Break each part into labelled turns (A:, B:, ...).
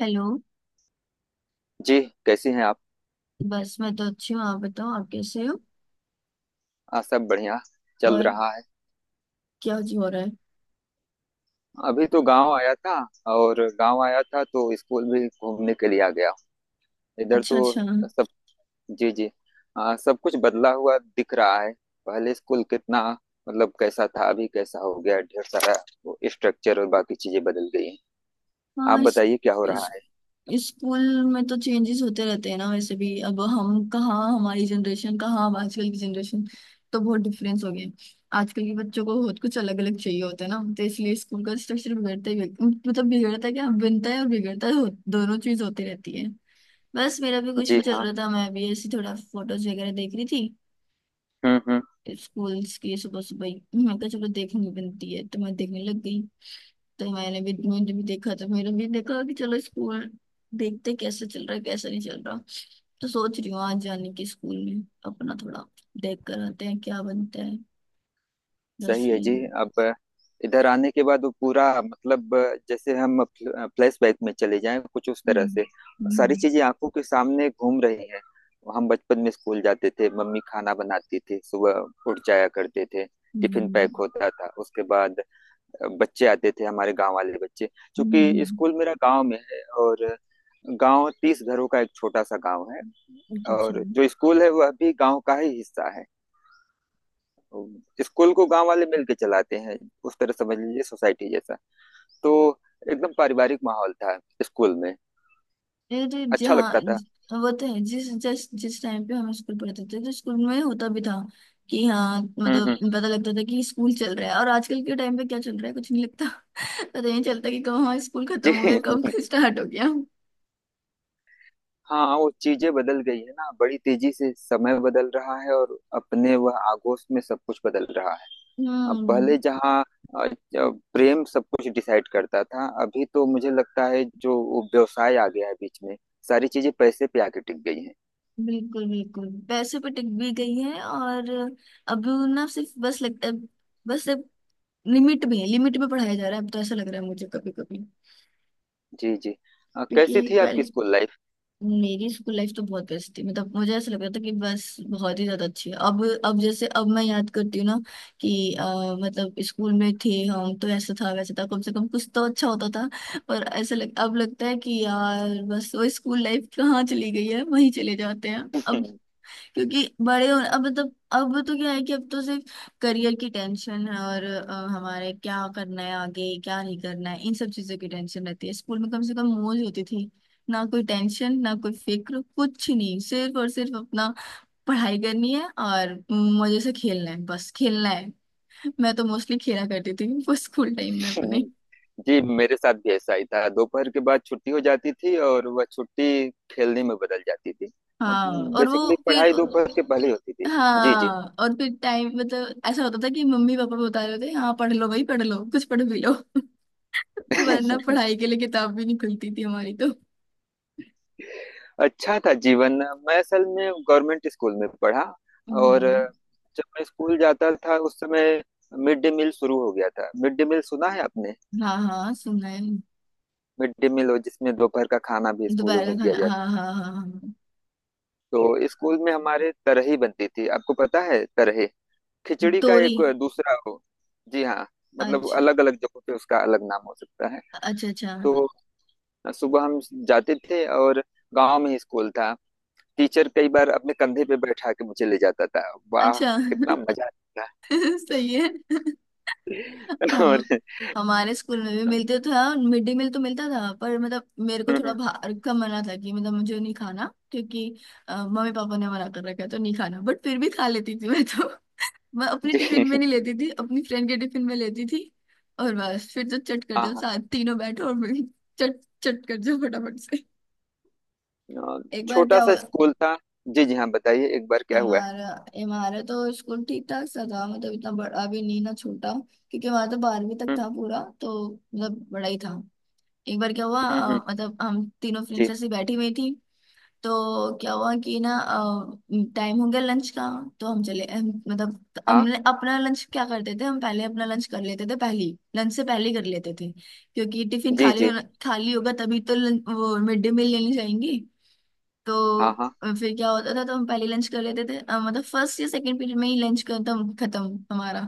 A: Hello.
B: जी। कैसी हैं आप।
A: बस मैं तो अच्छी हूँ, आप बताओ आप कैसे हो।
B: हाँ सब बढ़िया चल
A: और
B: रहा है।
A: क्या जी हो रहा है।
B: अभी तो गांव आया था। और गांव आया था तो स्कूल भी घूमने के लिए आ गया। इधर
A: अच्छा
B: तो
A: अच्छा।
B: सब। जी जी। हाँ, सब कुछ बदला हुआ दिख रहा है। पहले स्कूल कितना मतलब कैसा था, अभी कैसा हो गया ढेर सारा। वो स्ट्रक्चर और बाकी चीजें बदल गई हैं। आप
A: हाँ, इस
B: बताइए क्या हो रहा
A: इस
B: है।
A: स्कूल में तो चेंजेस होते रहते हैं ना, वैसे भी अब हम कहाँ, हमारी जनरेशन कहाँ, अब आजकल की जनरेशन तो बहुत डिफरेंस हो गया है। आजकल के बच्चों को बहुत कुछ अलग अलग चाहिए होता है ना, तो इसलिए स्कूल का स्ट्रक्चर बिगड़ता ही मतलब बिगड़ता है, क्या बनता है और बिगड़ता है, दोनों चीज होती रहती है। बस मेरा भी कुछ
B: जी
A: नहीं चल
B: हाँ।
A: रहा था, मैं भी ऐसी थोड़ा फोटोज वगैरह देख रही थी
B: हम्म।
A: स्कूल्स की। सुबह सुबह ही मैं कहा चलो देखनी बनती है तो मैं देखने लग गई। तो मैंने भी देखा तो मैंने भी देखा कि चलो स्कूल देखते कैसे चल रहा है कैसे नहीं चल रहा। तो सोच रही हूँ आज जाने की स्कूल में, अपना थोड़ा देख कर आते हैं क्या बनता है। बस
B: सही है जी।
A: यही है।
B: अब इधर आने के बाद वो पूरा मतलब जैसे हम फ्लैशबैक में चले जाएं, कुछ उस तरह
A: हम्म।
B: से सारी
A: हम्म।
B: चीजें आंखों के सामने घूम रही हैं। हम बचपन में स्कूल जाते थे, मम्मी खाना बनाती थी, सुबह उठ जाया करते थे। टिफिन
A: हम्म।
B: पैक होता था। उसके बाद बच्चे आते थे, हमारे गांव वाले बच्चे, क्योंकि
A: हम्म।
B: स्कूल मेरा गांव में है। और गांव 30 घरों का एक छोटा सा गांव है।
A: अच्छा अच्छा।
B: और जो स्कूल है वह भी गांव का ही हिस्सा है। तो स्कूल को गांव वाले मिलके चलाते हैं। उस तरह समझ लीजिए, सोसाइटी जैसा। तो एकदम पारिवारिक माहौल था स्कूल में।
A: अरे
B: अच्छा
A: जहाँ
B: लगता था।
A: वो तो है, जिस जिस जिस टाइम पे हम स्कूल पढ़ते थे तो स्कूल में होता भी था कि हाँ मतलब
B: हम्म।
A: पता लगता था कि स्कूल चल रहा है, और आजकल के टाइम पे क्या चल रहा है कुछ नहीं लगता। पता नहीं चलता कि कब हमारा स्कूल
B: जी।
A: खत्म हो गया, कब स्टार्ट हो गया।
B: हाँ, वो चीजें बदल गई है ना। बड़ी तेजी से समय बदल रहा है और अपने वह आगोश में सब कुछ बदल रहा है। अब पहले
A: हम्म।
B: जहाँ प्रेम सब कुछ डिसाइड करता था, अभी तो मुझे लगता है जो वो व्यवसाय आ गया है बीच में। सारी चीजें पैसे पे आके टिक गई हैं।
A: बिल्कुल बिल्कुल पैसे पे टिक भी गई है। और अब ना सिर्फ बस लगता है, बस अब लिमिट में है, लिमिट में पढ़ाया जा रहा है, अब तो ऐसा लग रहा है मुझे कभी कभी।
B: जी जी। कैसी
A: क्योंकि
B: थी आपकी
A: पहले
B: स्कूल लाइफ।
A: मेरी स्कूल लाइफ तो बहुत बेस्ट थी, मतलब मुझे ऐसा लगता था कि बस बहुत ही ज्यादा अच्छी है। अब जैसे अब मैं याद करती हूँ ना कि मतलब स्कूल में थे हम तो ऐसा था वैसा था, कम से कम कुछ तो अच्छा होता था। अब लगता है कि यार बस वो स्कूल लाइफ कहाँ चली गई है, वहीं चले जाते हैं अब। क्योंकि बड़े हो अब मतलब अब तो क्या है कि अब तो सिर्फ करियर की टेंशन है, और हमारे क्या करना है आगे क्या नहीं करना है इन सब चीजों की टेंशन रहती है। स्कूल में कम से कम मौज होती थी, ना कोई टेंशन ना कोई फिक्र कुछ नहीं, सिर्फ और सिर्फ अपना पढ़ाई करनी है और मजे से खेलना है, बस खेलना है। मैं तो मोस्टली खेला करती थी वो स्कूल टाइम में अपने।
B: जी मेरे साथ भी ऐसा ही था। दोपहर के बाद छुट्टी हो जाती थी और वह छुट्टी खेलने में बदल जाती थी। अब
A: हाँ और वो
B: बेसिकली
A: फिर
B: पढ़ाई दोपहर के पहले होती थी। जी जी।
A: हाँ और फिर टाइम मतलब ऐसा होता था कि मम्मी पापा बता रहे होते हाँ पढ़ लो भाई पढ़ लो कुछ पढ़ भी लो, वरना पढ़ाई के लिए किताब भी नहीं खुलती थी हमारी तो।
B: अच्छा था जीवन। मैं असल में गवर्नमेंट स्कूल में पढ़ा। और
A: हम्म।
B: जब मैं स्कूल जाता था उस समय मिड डे मील शुरू हो गया था। मिड डे मील सुना है आपने।
A: हाँ हाँ सुना है।
B: मिड डे मील हो जिसमें दोपहर का खाना भी स्कूलों
A: दोपहर का
B: में दिया
A: खाना,
B: जाता।
A: हाँ हाँ हाँ हाँ।
B: तो स्कूल में हमारे तरही बनती थी। आपको पता है तरही
A: हाँ।
B: खिचड़ी का
A: तोरी।
B: एक दूसरा हो। जी हाँ। मतलब
A: अच्छा।
B: अलग अलग जगहों पे उसका अलग नाम हो सकता है।
A: अच्छा अच्छा
B: तो सुबह हम जाते थे और गांव में ही स्कूल था। टीचर कई बार अपने कंधे पे बैठा के मुझे ले जाता था। वाह।
A: अच्छा।
B: कितना मजा आता
A: सही है।
B: था।
A: हम
B: और
A: हमारे स्कूल में भी मिलते तो था, मिड डे मील तो मिलता था पर मतलब मेरे को थोड़ा बाहर का मना था कि मतलब मुझे नहीं खाना, क्योंकि मम्मी पापा ने मना कर रखा है तो नहीं खाना, बट फिर भी खा लेती थी मैं तो। मैं अपने
B: जी।
A: टिफिन में नहीं लेती थी, अपनी फ्रेंड के टिफिन में लेती थी। और बस फिर तो चट कर दो,
B: हाँ
A: साथ तीनों बैठो और फिर चट चट कर जाओ फटाफट से।
B: हाँ,
A: एक बार
B: छोटा
A: क्या
B: सा
A: हुआ।
B: स्कूल था। जी जी। हाँ बताइए एक बार क्या हुआ है।
A: हमारा हमारा तो स्कूल ठीक ठाक सा था, मतलब इतना बड़ा भी नहीं ना छोटा। क्योंकि हमारा तो 12वीं तक
B: हम्म,
A: था पूरा, तो मतलब बड़ा ही था। एक बार क्या हुआ,
B: हम्म, हम्म,
A: मतलब हम तीनों
B: जी।
A: फ्रेंड्स ऐसे बैठी हुई थी। तो क्या हुआ कि ना टाइम हो गया लंच का, तो मतलब
B: हाँ
A: हमने अपना लंच क्या करते थे, हम पहले अपना लंच कर लेते थे पहले, लंच से पहले ही कर लेते थे। क्योंकि टिफिन
B: जी
A: खाली
B: जी।
A: होना, खाली होगा तभी तो लंच, वो मिड डे मील लेने जाएंगे।
B: हाँ
A: तो
B: हाँ।
A: फिर क्या होता था, तो हम पहले लंच कर लेते थे, मतलब फर्स्ट या सेकंड पीरियड में ही लंच खत्म खत्म हमारा।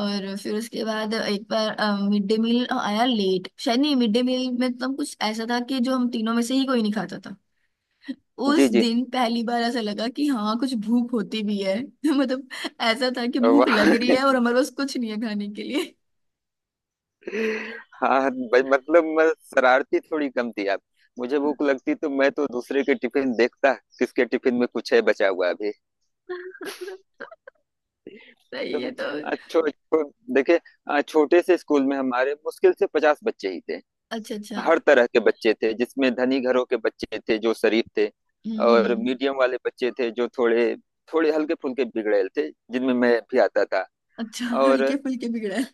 A: और फिर उसके बाद एक बार मिड डे मील आया लेट, शायद नहीं मिड डे मील में तो कुछ ऐसा था कि जो हम तीनों में से ही कोई नहीं खाता था।
B: जी
A: उस
B: जी।
A: दिन पहली बार ऐसा लगा कि हाँ कुछ भूख होती भी है मतलब ऐसा था कि भूख
B: वाह।
A: लग रही है और हमारे पास कुछ नहीं है खाने के लिए।
B: हाँ भाई, मतलब मैं शरारती थोड़ी कम थी आप। मुझे भूख लगती तो मैं तो दूसरे के टिफिन देखता, किसके टिफिन में कुछ है बचा हुआ अभी।
A: सही
B: तो
A: है तो।
B: आ, छो, छो, देखिए। छोटे से स्कूल में हमारे मुश्किल से 50 बच्चे ही थे।
A: अच्छा अच्छा।
B: हर तरह के बच्चे थे, जिसमें धनी घरों के बच्चे थे जो शरीफ थे।
A: हम्म।
B: और
A: हम्म।
B: मीडियम वाले बच्चे थे जो थोड़े थोड़े हल्के फुल्के बिगड़ेल थे, जिनमें मैं भी आता था।
A: अच्छा
B: और
A: हल्के फुल्के बिगड़ा है।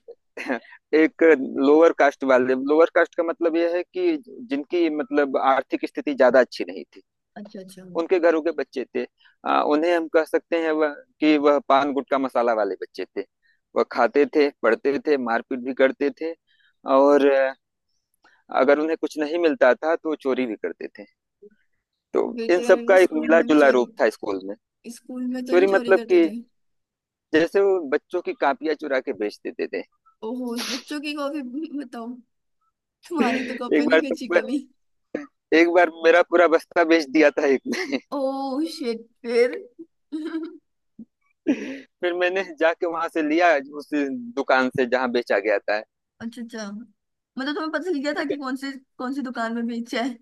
B: एक लोअर कास्ट वाले, लोअर कास्ट का मतलब यह है कि जिनकी मतलब आर्थिक स्थिति ज्यादा अच्छी नहीं थी,
A: अच्छा अच्छा।
B: उनके घरों के बच्चे थे। उन्हें हम कह सकते हैं वह कि वह पान गुटखा मसाला वाले बच्चे थे। वह खाते थे, पढ़ते थे, मारपीट भी करते थे। और अगर उन्हें कुछ नहीं मिलता था तो चोरी भी करते थे। तो
A: फिर
B: इन
A: तो
B: सब
A: यार वो
B: का एक
A: स्कूल
B: मिला
A: में भी
B: जुला रूप
A: चोरी,
B: था स्कूल में।
A: स्कूल में तो नहीं
B: चोरी
A: चोरी
B: मतलब
A: करते
B: कि
A: थे।
B: जैसे वो बच्चों की कापियां चुरा के बेच देते थे।
A: ओहो उस बच्चों की कॉपी। बताओ। तुम्हारी तो
B: एक
A: कॉपी नहीं
B: बार तो
A: बेची कभी।
B: एक बार मेरा पूरा बस्ता बेच दिया था एक ने।
A: ओह शिट फिर।
B: फिर मैंने जाके वहां से लिया, उस दुकान से जहाँ बेचा गया था।
A: अच्छा अच्छा, मतलब तुम्हें पता चल गया था
B: ठीक
A: कि
B: है।
A: कौन सी, कौन सी दुकान में बेचा है।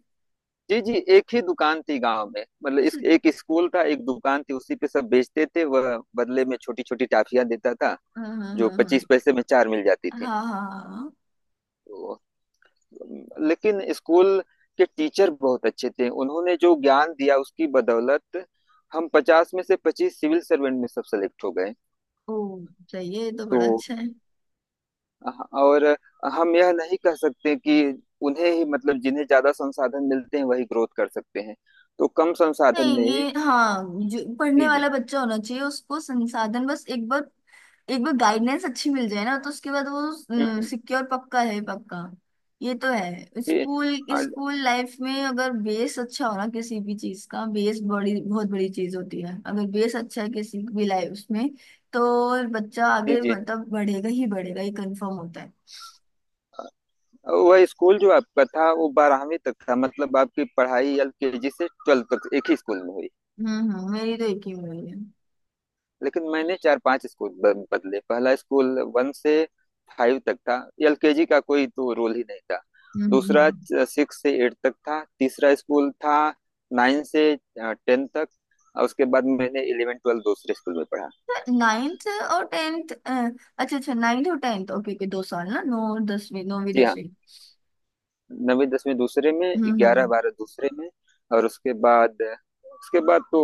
B: जी जी। एक ही दुकान थी गांव में, मतलब इस
A: अच्छा।
B: एक स्कूल था, एक दुकान थी, उसी पे सब बेचते थे। वह बदले में छोटी छोटी टाफियां देता था
A: हाँ हाँ
B: जो
A: हाँ हाँ
B: 25 पैसे में चार मिल जाती
A: हाँ
B: थी।
A: हाँ हाँ, हाँ।
B: तो, लेकिन स्कूल के टीचर बहुत अच्छे थे। उन्होंने जो ज्ञान दिया उसकी बदौलत हम 50 में से 25 सिविल सर्वेंट में सब सेलेक्ट हो गए।
A: ओ सही है ये तो
B: तो
A: बड़ा अच्छा है।
B: हाँ, और हम यह नहीं कह सकते कि उन्हें ही मतलब जिन्हें ज्यादा संसाधन मिलते हैं वही ग्रोथ कर सकते हैं। तो कम संसाधन में
A: नहीं
B: ही।
A: ये, हाँ जो पढ़ने
B: जी जी।
A: वाला बच्चा होना चाहिए उसको संसाधन बस एक बार, एक बार गाइडेंस अच्छी मिल जाए ना, तो उसके बाद वो
B: हम्म,
A: सिक्योर पक्का है पक्का। ये तो है,
B: जी।
A: स्कूल
B: हाँ
A: स्कूल लाइफ में अगर बेस अच्छा हो ना, किसी भी चीज का बेस बड़ी बहुत बड़ी चीज होती है, अगर बेस अच्छा है किसी भी लाइफ उसमें तो बच्चा
B: जी
A: आगे
B: जी।
A: मतलब बढ़ेगा ही बढ़ेगा, ये कंफर्म होता है।
B: वह स्कूल जो आपका था वो 12वीं तक था, मतलब आपकी पढ़ाई एलकेजी से ट्वेल्थ तक एक ही स्कूल में हुई।
A: हम्म। मेरी तो एक ही उम्मीद है। हम्म।
B: लेकिन मैंने चार पांच स्कूल बदले। पहला स्कूल वन से फाइव तक था। एलकेजी का कोई तो रोल ही नहीं था।
A: हम्म।
B: दूसरा
A: हम्म।
B: सिक्स से एट तक था। तीसरा स्कूल था नाइन से टेन तक। और उसके बाद मैंने इलेवन ट्वेल्व दूसरे स्कूल में पढ़ा।
A: नाइन्थ और टेंथ। अच्छा अच्छा, नाइन्थ और टेंथ, ओके ओके 2 साल ना, नौ और 10वीं, नौवीं
B: जी हाँ।
A: दसवीं
B: नवीं दसवीं दूसरे में,
A: हम्म।
B: ग्यारह
A: हम्म।
B: बारह दूसरे में। और उसके बाद तो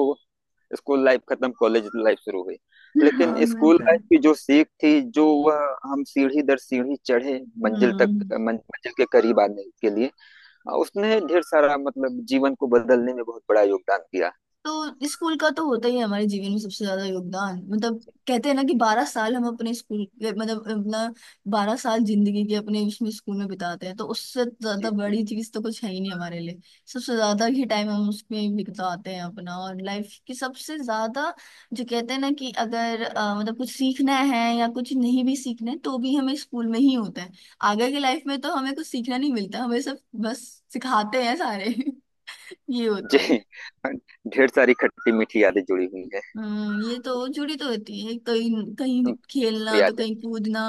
B: स्कूल लाइफ खत्म, कॉलेज लाइफ शुरू हुई।
A: हाँ,
B: लेकिन
A: वो
B: स्कूल
A: तो है।
B: लाइफ की जो सीख थी, जो वह हम सीढ़ी दर सीढ़ी चढ़े मंजिल तक
A: हम्म।
B: मंजिल के करीब आने के लिए, उसने ढेर सारा मतलब जीवन को बदलने में बहुत बड़ा योगदान दिया।
A: तो स्कूल का तो होता ही है हमारे जीवन में सबसे ज्यादा योगदान मतलब, कहते हैं ना कि 12 साल हम अपने स्कूल मतलब अपना 12 साल जिंदगी के अपने उसमें स्कूल में बिताते हैं, तो उससे ज्यादा
B: जी जी।
A: बड़ी चीज तो कुछ है ही नहीं हमारे लिए। सबसे ज्यादा ही टाइम हम उसमें बिताते हैं अपना, और लाइफ की सबसे ज्यादा जो कहते हैं ना कि अगर मतलब कुछ सीखना है या कुछ नहीं भी सीखना है तो भी हमें स्कूल में ही होता है। आगे की लाइफ में तो हमें कुछ सीखना नहीं मिलता, हमें सब बस सिखाते हैं सारे। ये होता है।
B: जी। ढेर सारी खट्टी मीठी यादें जुड़ी हुई हैं।
A: ये
B: एकदम
A: तो जुड़ी तो होती है, कहीं कहीं
B: से
A: खेलना तो
B: यादें।
A: कहीं कूदना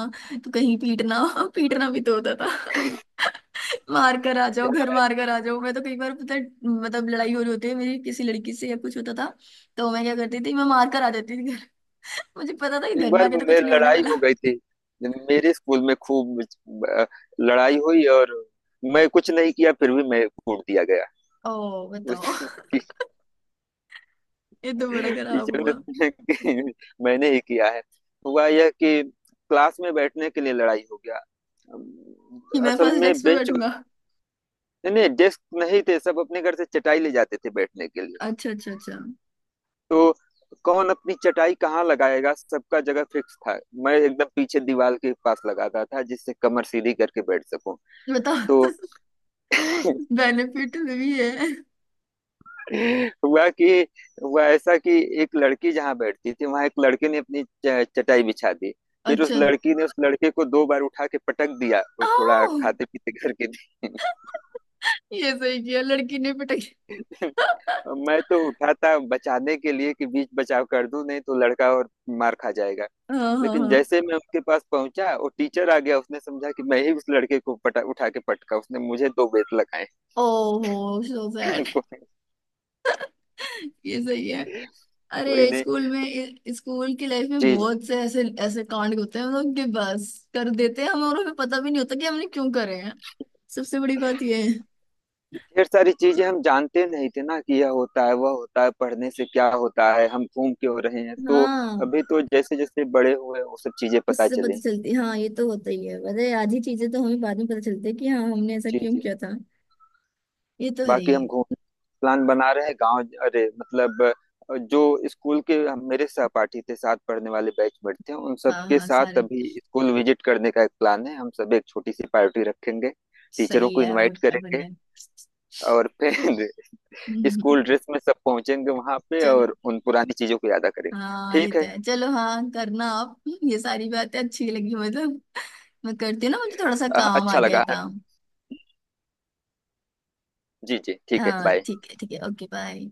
A: तो कहीं पीटना। पीटना भी तो होता था। मार कर आ
B: अरे
A: जाओ घर,
B: हाँ,
A: मार कर आ जाओ। मैं तो कई बार पता है, मतलब लड़ाई हो रही होती है मेरी किसी लड़की से या कुछ होता था, तो मैं क्या करती थी मैं मार कर आ जाती थी घर। मुझे पता था कि
B: एक
A: घर में
B: बार
A: आके तो कुछ
B: मेरी
A: नहीं होने
B: लड़ाई
A: वाला।
B: हो गई थी मेरे स्कूल में खूब। अ, लड़ाई हुई और मैं कुछ नहीं किया फिर भी मैं कूट दिया गया।
A: ओ बताओ। ये तो बड़ा खराब
B: टीचर
A: हुआ।
B: ने कि मैंने ही किया है। हुआ यह कि क्लास में बैठने के लिए लड़ाई हो गया। अम,
A: कि मैं
B: असल
A: फर्स्ट
B: में
A: डेस्क पे
B: बेंच,
A: बैठूंगा।
B: नहीं नहीं डेस्क नहीं थे, सब अपने घर से चटाई ले जाते थे बैठने के लिए।
A: अच्छा अच्छा अच्छा।
B: तो कौन अपनी चटाई कहाँ लगाएगा, सबका जगह फिक्स था। मैं एकदम पीछे दीवार के पास लगाता था जिससे कमर सीधी करके बैठ सकूं।
A: बताओ।
B: तो
A: बेनिफिट भी है।
B: हुआ कि हुआ ऐसा कि एक लड़की जहाँ बैठती थी वहां एक लड़के ने अपनी चटाई बिछा दी। फिर उस
A: अच्छा।
B: लड़की ने उस लड़के को दो बार उठा के पटक दिया। वो
A: ओ
B: थोड़ा खाते पीते करके थे।
A: ये सही किया लड़की ने पिटाई।
B: मैं तो उठा था बचाने के लिए कि बीच बचाव कर दूं, नहीं तो लड़का और मार खा जाएगा।
A: हाँ हाँ
B: लेकिन
A: हाँ।
B: जैसे मैं उसके पास पहुंचा वो टीचर आ गया, उसने समझा कि मैं ही उस लड़के को पटा उठा के पटका। उसने मुझे दो बेत लगाए।
A: ओहो सो सैड।
B: को,
A: ये सही है।
B: कोई
A: अरे
B: नहीं।
A: स्कूल में स्कूल की लाइफ में
B: जी।
A: बहुत से ऐसे ऐसे कांड होते हैं, मतलब कि बस कर देते हैं हमें और हमें पता भी नहीं होता कि हमने क्यों करे हैं। सबसे बड़ी बात ये है।
B: ढेर सारी चीजें हम जानते नहीं थे ना कि यह होता है वह होता है, पढ़ने से क्या होता है, हम घूम क्यों रहे हैं। तो
A: हाँ
B: अभी तो जैसे जैसे बड़े हुए वो सब चीजें पता
A: उससे पता
B: चले।
A: चलती, हाँ ये तो होता ही है, पता है आधी चीजें तो हमें बाद में पता चलती है कि हाँ हमने ऐसा
B: जी
A: क्यों
B: जी।
A: किया था। ये तो है
B: बाकी
A: ही।
B: हम घूम प्लान बना रहे हैं गांव। अरे मतलब जो स्कूल के मेरे सहपाठी थे, साथ पढ़ने वाले बैचमेट थे, उन
A: हाँ
B: सबके
A: हाँ
B: साथ
A: सारे।
B: अभी स्कूल विजिट करने का एक प्लान है। हम सब एक छोटी सी पार्टी रखेंगे, टीचरों
A: सही
B: को
A: है और
B: इनवाइट
A: क्या
B: करेंगे।
A: बढ़िया।
B: और फिर
A: हम्म,
B: स्कूल ड्रेस में सब पहुंचेंगे वहां पे
A: चलो
B: और उन पुरानी चीजों को यादा करेंगे।
A: हाँ ये
B: ठीक
A: तो
B: है।
A: है चलो, हाँ करना आप, ये सारी बातें अच्छी लगी मतलब। मैं करती हूँ ना मुझे थोड़ा सा काम आ
B: अच्छा
A: गया है
B: लगा।
A: काम।
B: जी जी ठीक है
A: हाँ
B: बाय।
A: ठीक है ठीक है, ओके बाय।